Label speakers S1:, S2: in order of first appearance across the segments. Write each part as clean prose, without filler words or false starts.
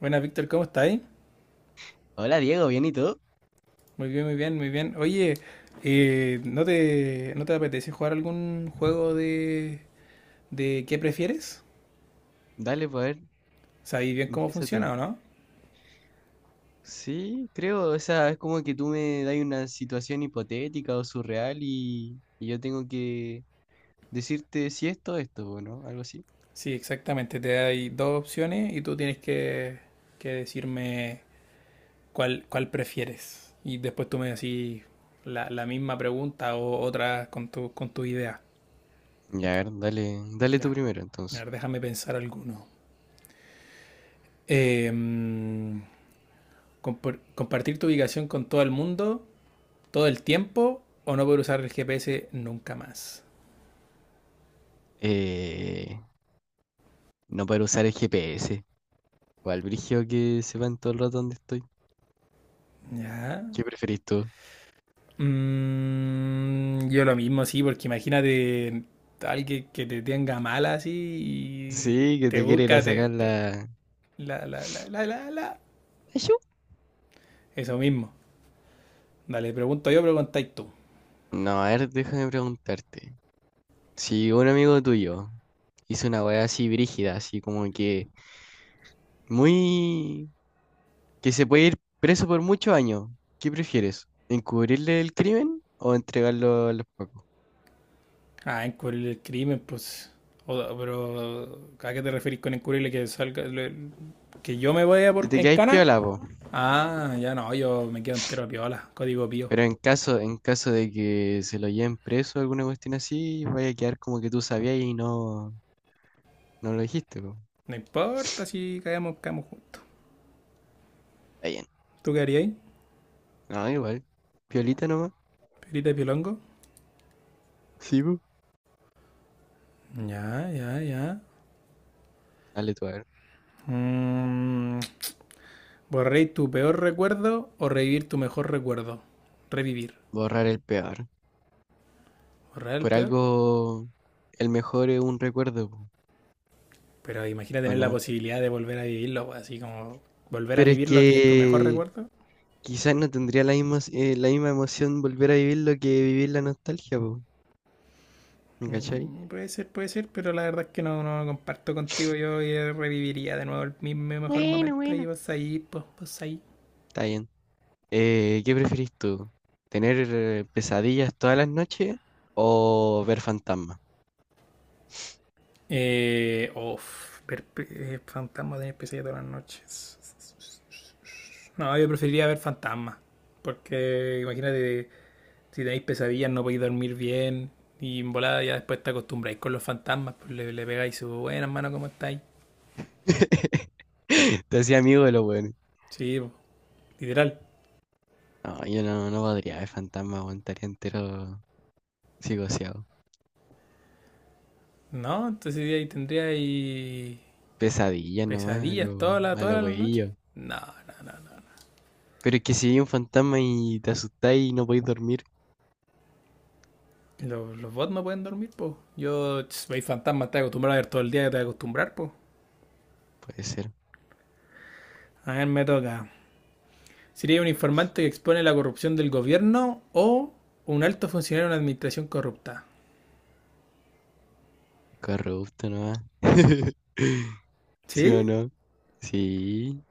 S1: Buenas, Víctor, ¿cómo estáis?
S2: Hola Diego, ¿bien y tú?
S1: Muy bien, muy bien, muy bien. Oye, ¿no te apetece jugar algún juego de qué prefieres?
S2: Dale, pues a ver,
S1: ¿Sabéis bien cómo
S2: empieza tú.
S1: funciona o no?
S2: Sí, creo, o sea, es como que tú me das una situación hipotética o surreal y yo tengo que decirte si esto o esto, ¿o no? Algo así.
S1: Sí, exactamente. Te hay dos opciones y tú tienes que decirme cuál prefieres. Y después tú me decís la misma pregunta o otra con tu idea.
S2: Ya, a ver, dale, dale tú
S1: Ya.
S2: primero
S1: A
S2: entonces.
S1: ver, déjame pensar alguno. Eh, mm, Compartir tu ubicación con todo el mundo todo el tiempo o no poder usar el GPS nunca más.
S2: Eh, no poder usar el GPS. O al brigio que sepan todo el rato dónde estoy.
S1: Ya.
S2: ¿Qué preferís tú?
S1: Yo lo mismo, sí, porque imagínate alguien que te tenga mala así y
S2: Sí, que
S1: te
S2: te quiere ir a
S1: busca,
S2: sacar la.
S1: la, la, la, la, la, la.
S2: Ayú.
S1: Eso mismo. Dale, pregunto yo, preguntáis tú.
S2: No, a ver, déjame preguntarte. Si un amigo tuyo hizo una weá así brígida, así como que muy, que se puede ir preso por muchos años, ¿qué prefieres? ¿Encubrirle el crimen o entregarlo a los pacos?
S1: Ah, encubrir el crimen, pues. Pero, ¿a qué te referís con encubrirle que salga, que yo me vaya
S2: Te
S1: por,
S2: te
S1: en
S2: quedáis
S1: cana?
S2: piola, po.
S1: Ah, ya no, yo me quedo entero a piola, código pío.
S2: Pero en caso de que se lo lleven preso alguna cuestión así, vaya a quedar como que tú sabías y no, no lo dijiste, po.
S1: No importa si caemos, caemos juntos.
S2: Está bien.
S1: ¿Tú qué harías?
S2: No, igual. Piolita nomás.
S1: ¿Perita de pilongo?
S2: Sí, po.
S1: Ya, ya, ya.
S2: Dale tú a ver.
S1: Mm, ¿Borréis tu peor recuerdo o revivir tu mejor recuerdo? Revivir.
S2: Borrar el peor.
S1: ¿Borrar el
S2: Por
S1: peor?
S2: algo, el mejor es un recuerdo, po.
S1: Pero imagina
S2: ¿O
S1: tener la
S2: no?
S1: posibilidad de volver a vivirlo, pues, así como volver a
S2: Pero es
S1: vivir lo que es tu mejor
S2: que
S1: recuerdo.
S2: quizás no tendría la misma emoción volver a vivirlo que vivir la nostalgia, po, ¿me cachai?
S1: Puede ser, pero la verdad es que no, no comparto contigo. Yo reviviría de nuevo el mismo mejor
S2: Bueno,
S1: momento. Y
S2: bueno.
S1: vas ahí, pues, vos ahí.
S2: Está bien. ¿Qué preferís tú? ¿Tener pesadillas todas las noches o ver fantasmas?
S1: Uf, ver fantasmas de NPC todas las noches. No, yo preferiría ver fantasmas. Porque imagínate, si tenéis pesadillas no podéis dormir bien. Y en volada ya después te acostumbráis con los fantasmas. Pues le pegáis su buena hermano, ¿cómo estáis?
S2: Te hacía amigo de los buenos.
S1: Sí, literal.
S2: No, yo no, no podría ver fantasmas, aguantaría entero psicoseado.
S1: No, entonces ahí tendríais
S2: Pesadillas nomás, a
S1: pesadillas todas
S2: lo,
S1: las
S2: a lo
S1: todas las noches.
S2: hueillo.
S1: No, no, no, no.
S2: Pero es que si vi un fantasma y te asustáis y no podéis dormir,
S1: Los bots no pueden dormir, pues. Yo, si veis fantasmas, te acostumbras a ver todo el día, te acostumbras, pues.
S2: puede ser.
S1: A ver, me toca. ¿Sería un informante que expone la corrupción del gobierno o un alto funcionario de una administración corrupta?
S2: Corrupto nomás. ¿Sí o
S1: ¿Sí?
S2: no? Sí.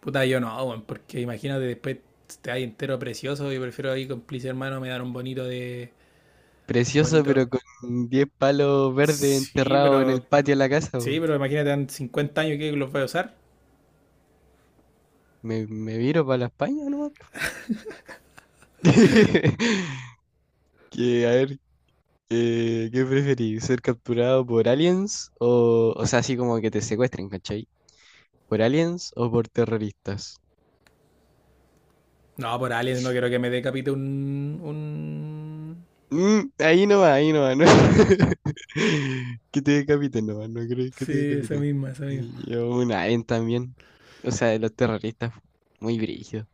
S1: Puta, yo no, weón, porque imagínate después te hay entero precioso y prefiero ahí cómplice hermano me dar un bonito de... Un
S2: Precioso,
S1: bonito...
S2: pero con 10 palos verdes
S1: Sí,
S2: enterrados en
S1: pero...
S2: el patio de la casa,
S1: Sí,
S2: po.
S1: pero imagínate en 50 años que los voy a usar.
S2: Me viro para la España nomás, po. Que, a ver, ¿qué preferís? ¿Ser capturado por aliens o sea, así como que te secuestren, ¿cachai? ¿Por aliens o por terroristas?
S1: No, por aliens no quiero que me decapite un...
S2: Ahí no va, ahí no va, ¿no? Que te decapiten, no, no creo que te
S1: Sí, esa
S2: decapiten.
S1: misma, esa misma.
S2: Y yo un alien también. O sea, de los terroristas, muy brígido.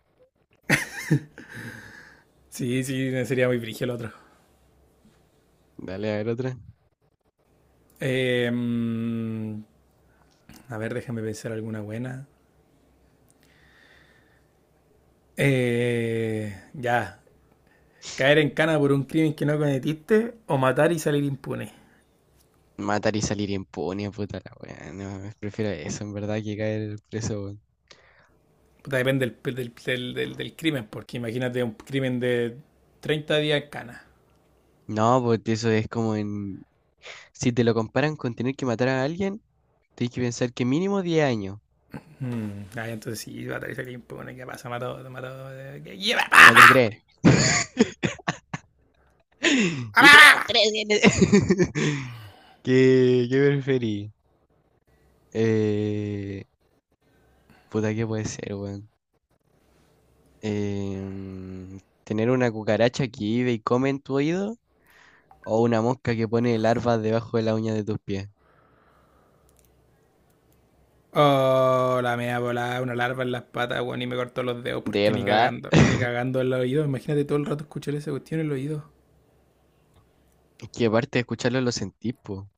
S1: Sí, sí, sería muy brillo el otro.
S2: Dale a ver otra.
S1: Eh, mm, a ver, déjame pensar alguna buena. Ya. Caer en cana por un crimen que no cometiste o matar y salir impune.
S2: Matar y salir impune, puta la wea. No, prefiero eso, en verdad, que caer preso, weón.
S1: Puta, depende del crimen, porque imagínate un crimen de 30 días en cana.
S2: No, porque eso es como en. Si te lo comparan con tener que matar a alguien, tienes que pensar que mínimo 10 años.
S1: Ah, entonces sí, matar y salir impune. ¿Qué pasa? Mató, mató. ¿Qué- lleva
S2: Mata
S1: pa-
S2: tres.
S1: pa- pa-
S2: Y 3
S1: pa?
S2: tres. ¿Qué preferís? Eh, Puta, ¿qué puede ser, weón? ¿Tener una cucaracha que vive y come en tu oído? ¿O una mosca que pone larvas debajo de la uña de tus pies?
S1: Oh, la mea volada, una larva en las patas, weón, y me cortó los dedos
S2: De
S1: porque ni
S2: verdad,
S1: cagando, ni cagando en los oídos. Imagínate todo el rato escuchar esa cuestión en los oídos.
S2: es que aparte de escucharlo lo sentís, po.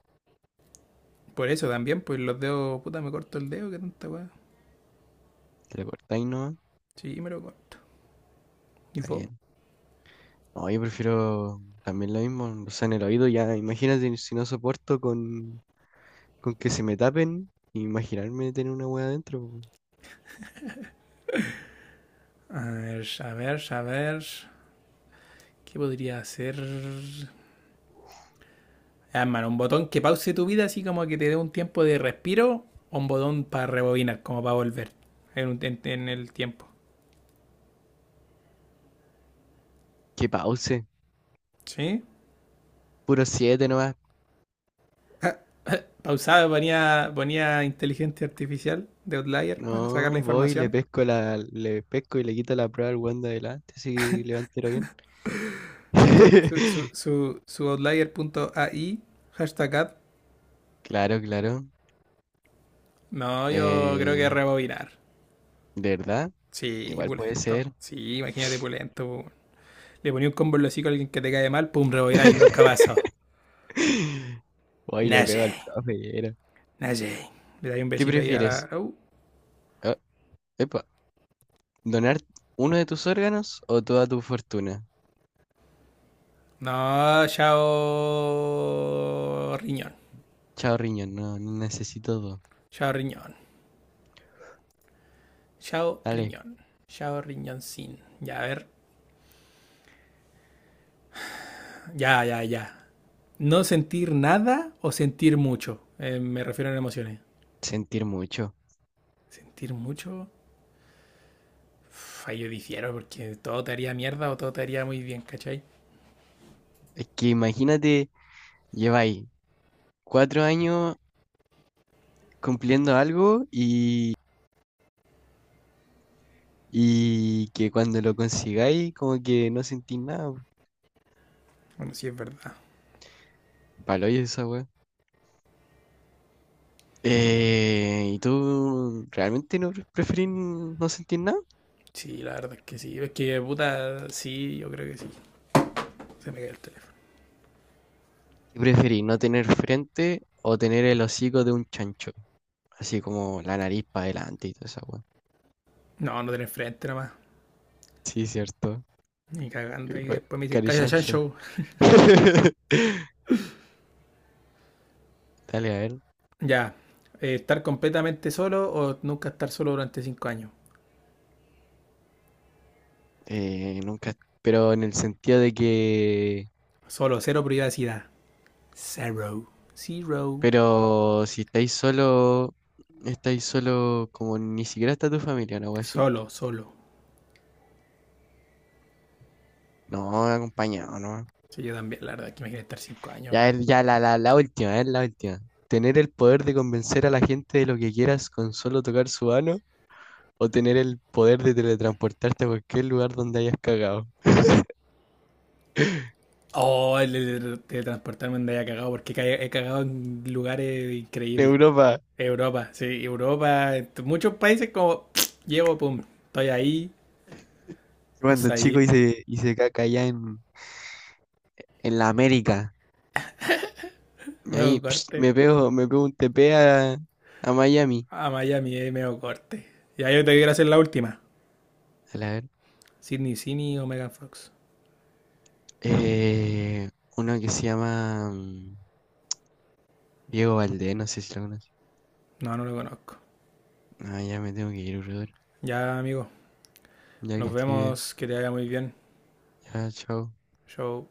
S1: Por eso también, pues los dedos, puta, me corto el dedo, qué tanta weá.
S2: Te lo cortáis, ¿no?
S1: Sí, me lo corto. ¿Y
S2: Está
S1: vos?
S2: bien. No, yo prefiero también lo mismo, o sea, en el oído ya, imagínate si no soporto con que se me tapen, imaginarme tener una wea adentro, po.
S1: A ver, a ver, a ver. ¿Qué podría hacer? Ah, hermano, un botón que pause tu vida, así como que te dé un tiempo de respiro, o un botón para rebobinar, como para volver en el tiempo.
S2: Que pause,
S1: ¿Sí?
S2: puro siete nomás.
S1: Pausaba, ponía inteligencia artificial de Outlier para sacar la
S2: No, voy, le
S1: información.
S2: pesco la, le pesco y le quito la prueba al weón de adelante si levantero bien.
S1: Su chat, su, su, su, su outlier.ai #ad.
S2: Claro, claro.
S1: No, yo creo que
S2: Eh,
S1: rebobinar.
S2: de verdad,
S1: Sí,
S2: igual puede
S1: pulento.
S2: ser.
S1: Sí, imagínate pulento. Le ponía un combo en los hocico a alguien que te cae mal, pum, rebobináis, nunca pasó.
S2: Uy, le pego al
S1: Naye,
S2: profe. Era.
S1: naye. Le dais un
S2: ¿Qué
S1: besito ahí a
S2: prefieres?
S1: la.
S2: Ah, epa, ¿donar uno de tus órganos o toda tu fortuna?
S1: No, chao. Riñón.
S2: Chao, riñón, no, no necesito dos.
S1: Chao, riñón. Chao,
S2: Dale,
S1: riñón. Chao, riñón sin. Ya, a ver. Ya, ya, ya. No sentir nada o sentir mucho. Me refiero a emociones.
S2: sentir mucho.
S1: Sentir mucho. Uf, ahí yo difiero porque todo te haría mierda o todo te haría muy bien, ¿cachai?
S2: Es que imagínate, lleváis 4 años cumpliendo algo y que cuando lo consigáis, como que no sentís nada.
S1: Bueno, sí es verdad.
S2: Palo, ¿y esa weá? ¿Y tú realmente no preferís no sentir nada?
S1: Sí, la verdad es que sí. Es que puta, sí, yo creo que sí. Se me cae el teléfono.
S2: ¿Qué preferís, no tener frente o tener el hocico de un chancho? Así como la nariz para adelante y toda esa weá.
S1: No, no tenés frente nada más.
S2: Sí, cierto.
S1: Ni cagando.
S2: Eh,
S1: Y
S2: pa-
S1: después me dice, cállate,
S2: Carichancho.
S1: Chancho.
S2: Dale, a ver.
S1: Ya. ¿Estar completamente solo o nunca estar solo durante 5 años?
S2: Nunca. Pero en el sentido de que.
S1: Solo, cero privacidad. Zero. Zero.
S2: Pero si estáis solo. Estáis solo como ni siquiera está tu familia, ¿no? Algo así.
S1: Solo, solo.
S2: No, acompañado, ¿no?
S1: Sí, yo también, la verdad, es que imagínate estar 5 años,
S2: Ya,
S1: weón.
S2: ya la última, es la última. ¿Tener el poder de convencer a la gente de lo que quieras con solo tocar su mano? ¿O tener el poder de teletransportarte a cualquier lugar donde hayas cagado?
S1: Oh, el de transportarme andaba cagado, porque he cagado en lugares
S2: En
S1: increíbles.
S2: Europa,
S1: Europa, sí, Europa, en muchos países como llevo, pum, estoy ahí, o
S2: cuando
S1: sea,
S2: chico
S1: ahí,
S2: hice caca allá en la América. Y
S1: medio
S2: ahí pss,
S1: corte,
S2: me pego un TP a Miami.
S1: a Miami, medio corte. Ya yo te quiero hacer la última,
S2: A la ver.
S1: Sidney Cini o Megan Fox.
S2: Eh, Uno que se llama Diego Valdés, no sé si lo conoces.
S1: No, no lo conozco.
S2: Ah, ya me tengo que ir, brother.
S1: Ya, amigo,
S2: Ya que
S1: nos
S2: estoy bien.
S1: vemos, que te vaya muy bien.
S2: Ya, chao.
S1: Show.